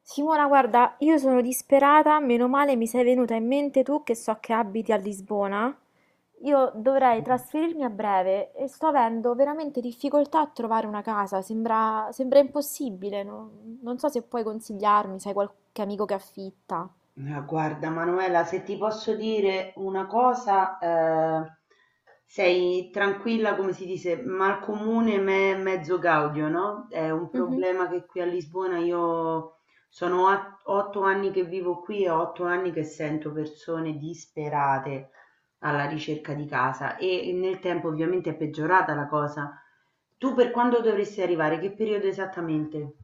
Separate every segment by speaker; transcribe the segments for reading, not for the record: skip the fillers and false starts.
Speaker 1: Simona, guarda, io sono disperata, meno male mi sei venuta in mente tu che so che abiti a Lisbona. Io dovrei trasferirmi a breve e sto avendo veramente difficoltà a trovare una casa, sembra impossibile, non so se puoi consigliarmi, sai qualche amico che affitta.
Speaker 2: Ma guarda Manuela, se ti posso dire una cosa, sei tranquilla, come si dice, mal comune me mezzo gaudio, no? È un
Speaker 1: Mhm.
Speaker 2: problema che qui a Lisbona io 8 anni che vivo qui e 8 anni che sento persone disperate alla ricerca di casa e nel tempo ovviamente è peggiorata la cosa. Tu per quando dovresti arrivare? Che periodo esattamente?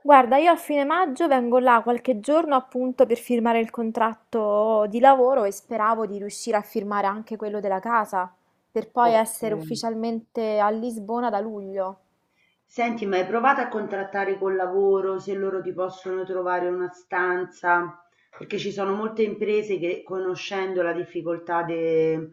Speaker 1: Guarda, io a fine maggio vengo là qualche giorno appunto per firmare il contratto di lavoro e speravo di riuscire a firmare anche quello della casa, per poi
Speaker 2: Ok.
Speaker 1: essere ufficialmente a Lisbona da luglio.
Speaker 2: Senti, ma hai provato a contrattare col lavoro se loro ti possono trovare una stanza? Perché ci sono molte imprese che, conoscendo la difficoltà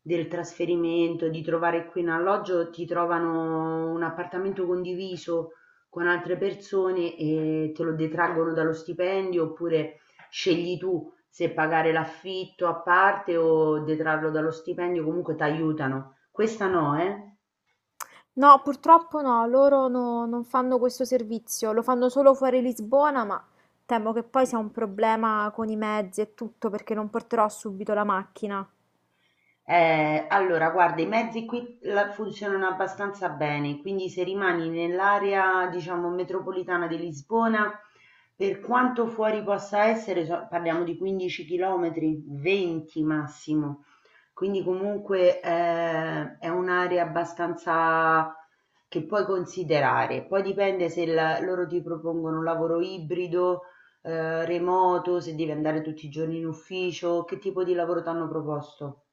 Speaker 2: del trasferimento, di trovare qui un alloggio, ti trovano un appartamento condiviso con altre persone e te lo detraggono dallo stipendio, oppure scegli tu se pagare l'affitto a parte o detrarlo dallo stipendio, comunque ti aiutano. Questa no, eh?
Speaker 1: No, purtroppo no, loro no- non fanno questo servizio, lo fanno solo fuori Lisbona, ma temo che poi sia un problema con i mezzi e tutto perché non porterò subito la macchina.
Speaker 2: Allora, guarda, i mezzi qui funzionano abbastanza bene, quindi se rimani nell'area, diciamo, metropolitana di Lisbona, per quanto fuori possa essere, parliamo di 15 km, 20 massimo, quindi comunque è un'area abbastanza che puoi considerare. Poi dipende se loro ti propongono un lavoro ibrido, remoto, se devi andare tutti i giorni in ufficio, che tipo di lavoro ti hanno proposto.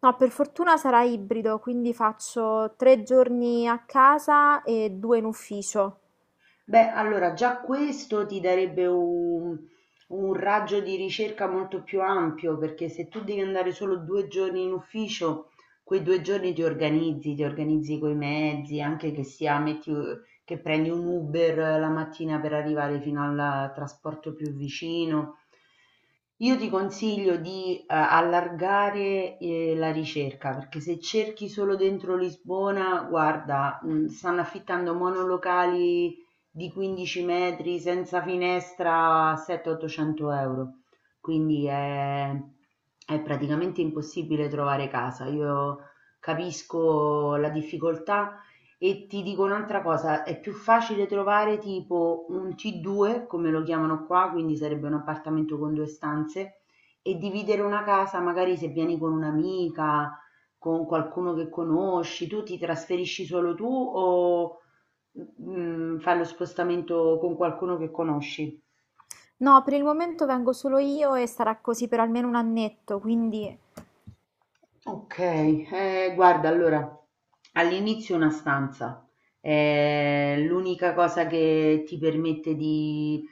Speaker 1: No, per fortuna sarà ibrido, quindi faccio tre giorni a casa e due in ufficio.
Speaker 2: Beh, allora già questo ti darebbe un raggio di ricerca molto più ampio, perché se tu devi andare solo due giorni in ufficio, quei due giorni ti organizzi coi mezzi, anche che sia metti, che prendi un Uber la mattina per arrivare fino al trasporto più vicino. Io ti consiglio di allargare la ricerca perché se cerchi solo dentro Lisbona, guarda, stanno affittando monolocali di 15 metri senza finestra a 700-800 euro, quindi è, è praticamente impossibile trovare casa. Io capisco la difficoltà e ti dico un'altra cosa, è più facile trovare tipo un T2, come lo chiamano qua, quindi sarebbe un appartamento con due stanze, e dividere una casa, magari se vieni con un'amica, con qualcuno che conosci, tu ti trasferisci solo tu o Mhmm, fai lo spostamento con qualcuno che conosci.
Speaker 1: No, per il momento vengo solo io e sarà così per almeno un annetto, quindi.
Speaker 2: Okay, guarda allora, all'inizio una stanza è l'unica cosa che ti permette di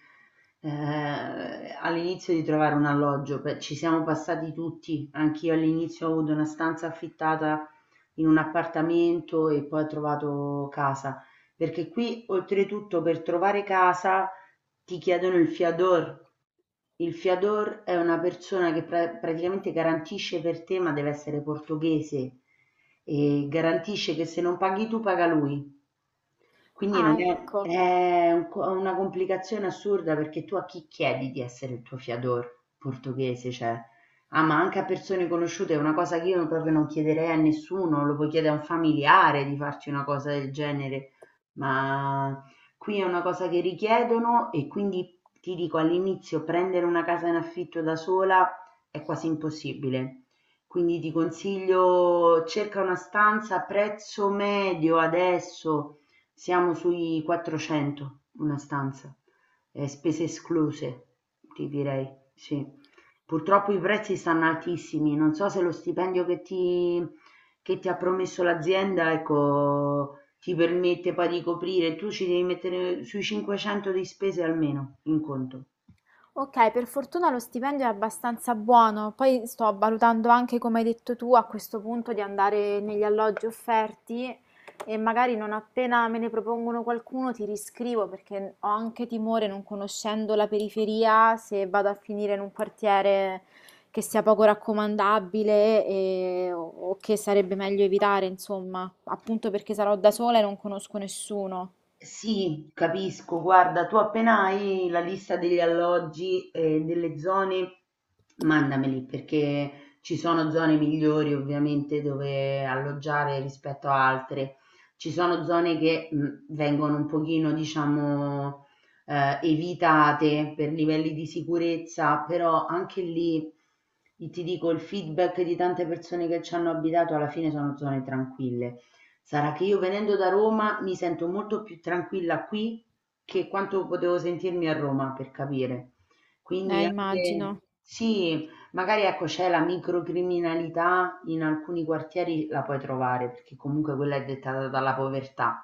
Speaker 2: all'inizio di trovare un alloggio, pe ci siamo passati tutti, anch'io all'inizio ho avuto una stanza affittata in un appartamento e poi ho trovato casa, perché qui oltretutto per trovare casa ti chiedono il fiador. Il fiador è una persona che praticamente garantisce per te, ma deve essere portoghese, e garantisce che se non paghi tu paga lui. Quindi non
Speaker 1: Ah,
Speaker 2: è,
Speaker 1: ecco.
Speaker 2: è una complicazione assurda perché tu a chi chiedi di essere il tuo fiador portoghese? Cioè, ah, ma anche a persone conosciute è una cosa che io proprio non chiederei a nessuno, lo puoi chiedere a un familiare di farci una cosa del genere, ma qui è una cosa che richiedono e quindi ti dico all'inizio prendere una casa in affitto da sola è quasi impossibile. Quindi ti consiglio, cerca una stanza a prezzo medio adesso siamo sui 400 una stanza, spese escluse, ti direi, sì. Purtroppo i prezzi stanno altissimi, non so se lo stipendio che ti ha promesso l'azienda, ecco, ti permette poi di coprire, tu ci devi mettere sui 500 di spese almeno in conto.
Speaker 1: Okay, per fortuna lo stipendio è abbastanza buono, poi sto valutando anche, come hai detto tu, a questo punto di andare negli alloggi offerti e magari non appena me ne propongono qualcuno ti riscrivo perché ho anche timore, non conoscendo la periferia, se vado a finire in un quartiere che sia poco raccomandabile o che sarebbe meglio evitare, insomma, appunto perché sarò da sola e non conosco nessuno.
Speaker 2: Sì, capisco. Guarda, tu appena hai la lista degli alloggi e delle zone, mandameli perché ci sono zone migliori ovviamente dove alloggiare rispetto a altre. Ci sono zone che vengono un pochino, diciamo, evitate per livelli di sicurezza, però anche lì ti dico il feedback di tante persone che ci hanno abitato alla fine sono zone tranquille. Sarà che io venendo da Roma mi sento molto più tranquilla qui che quanto potevo sentirmi a Roma, per capire. Quindi anche
Speaker 1: Immagino.
Speaker 2: sì, magari ecco c'è la microcriminalità in alcuni quartieri la puoi trovare, perché comunque quella è dettata dalla povertà.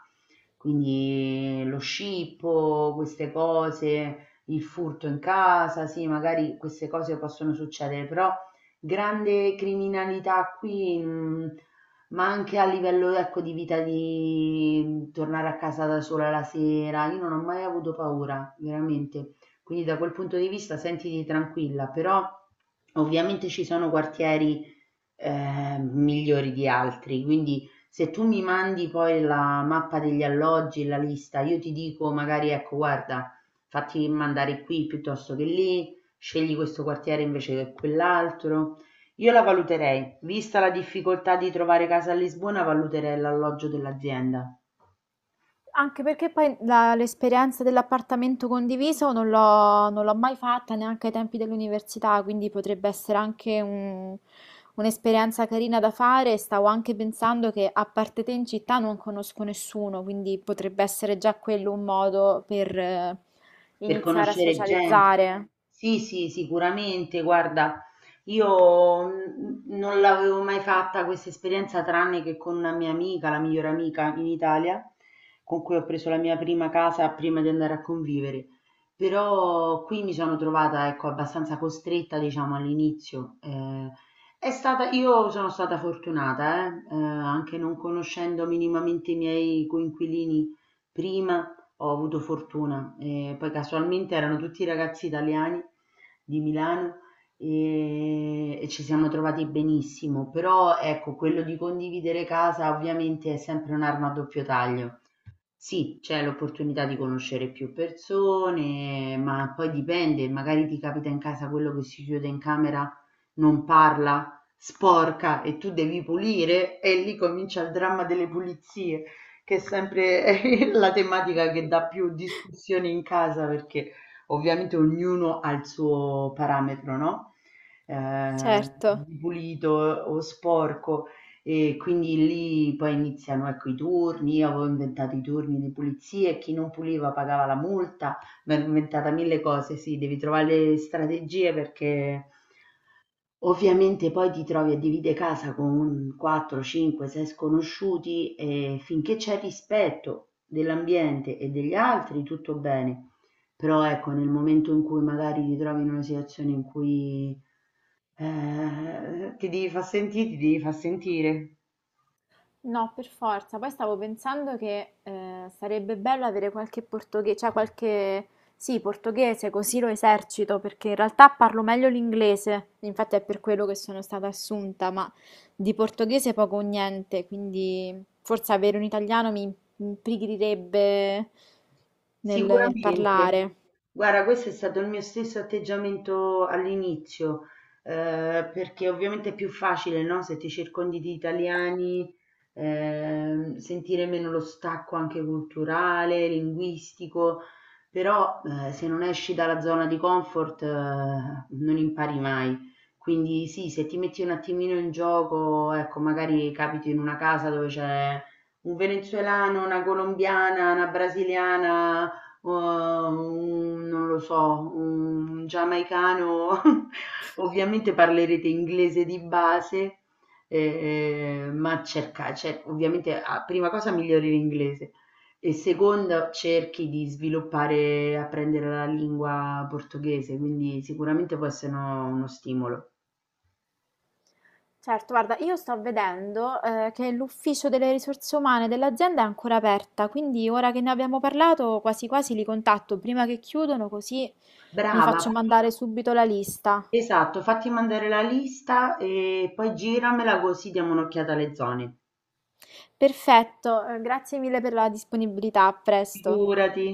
Speaker 2: Quindi lo scippo, queste cose, il furto in casa, sì, magari queste cose possono succedere, però grande criminalità qui ma anche a livello, ecco, di vita, di tornare a casa da sola la sera, io non ho mai avuto paura, veramente. Quindi da quel punto di vista sentiti tranquilla, però ovviamente ci sono quartieri migliori di altri, quindi se tu mi mandi poi la mappa degli alloggi, la lista, io ti dico magari ecco, guarda, fatti mandare qui piuttosto che lì, scegli questo quartiere invece che quell'altro. Io la valuterei, vista la difficoltà di trovare casa a Lisbona valuterei l'alloggio dell'azienda.
Speaker 1: Anche perché poi l'esperienza dell'appartamento condiviso non l'ho mai fatta neanche ai tempi dell'università, quindi potrebbe essere anche un'esperienza carina da fare. Stavo anche pensando che a parte te in città non conosco nessuno, quindi potrebbe essere già quello un modo per
Speaker 2: Per
Speaker 1: iniziare a
Speaker 2: conoscere gente.
Speaker 1: socializzare.
Speaker 2: Sì, sì, sicuramente. Guarda, io non l'avevo mai fatta questa esperienza tranne che con una mia amica, la migliore amica in Italia, con cui ho preso la mia prima casa prima di andare a convivere. Però qui mi sono trovata, ecco, abbastanza costretta, diciamo, all'inizio. Io sono stata fortunata, anche non conoscendo minimamente i miei coinquilini prima ho avuto fortuna. E poi casualmente erano tutti ragazzi italiani di Milano e ci siamo trovati benissimo. Però ecco, quello di condividere casa ovviamente è sempre un'arma a doppio taglio. Sì, c'è l'opportunità di conoscere più persone, ma poi dipende, magari ti capita in casa quello che si chiude in camera, non parla, sporca e tu devi pulire e lì comincia il dramma delle pulizie, che è sempre la tematica che dà più discussioni in casa perché ovviamente ognuno ha il suo parametro, no?
Speaker 1: Certo.
Speaker 2: Di pulito o sporco. E quindi lì poi iniziano, ecco, i turni, io avevo inventato i turni di pulizia e chi non puliva pagava la multa, mi ero inventata mille cose, sì, devi trovare le strategie perché ovviamente poi ti trovi a dividere casa con 4, 5, 6 sconosciuti e finché c'è rispetto dell'ambiente e degli altri tutto bene, però ecco, nel momento in cui magari ti trovi in una situazione in cui ti devi far sentire.
Speaker 1: No, per forza. Poi stavo pensando che sarebbe bello avere qualche portoghese, cioè qualche... Sì, portoghese, così lo esercito, perché in realtà parlo meglio l'inglese, infatti è per quello che sono stata assunta, ma di portoghese poco o niente, quindi forse avere un italiano mi imprigrirebbe nel
Speaker 2: Sicuramente.
Speaker 1: parlare.
Speaker 2: Guarda, questo è stato il mio stesso atteggiamento all'inizio, perché ovviamente è più facile, no? Se ti circondi di italiani, sentire meno lo stacco anche culturale, linguistico, però se non esci dalla zona di comfort, non impari mai. Quindi sì, se ti metti un attimino in gioco, ecco, magari capiti in una casa dove c'è un venezuelano, una colombiana, una brasiliana non lo so, un giamaicano, ovviamente parlerete inglese di base, ma cerca cioè ovviamente a prima cosa migliori l'inglese e seconda cerchi di sviluppare, apprendere la lingua portoghese, quindi sicuramente può essere uno stimolo.
Speaker 1: Certo, guarda, io sto vedendo, che l'ufficio delle risorse umane dell'azienda è ancora aperta, quindi ora che ne abbiamo parlato, quasi quasi li contatto prima che chiudono, così mi
Speaker 2: Brava,
Speaker 1: faccio
Speaker 2: fatti
Speaker 1: mandare subito la lista.
Speaker 2: esatto, fatti mandare la lista e poi giramela così diamo un'occhiata alle zone.
Speaker 1: Perfetto, grazie mille per la disponibilità, a presto.
Speaker 2: Figurati.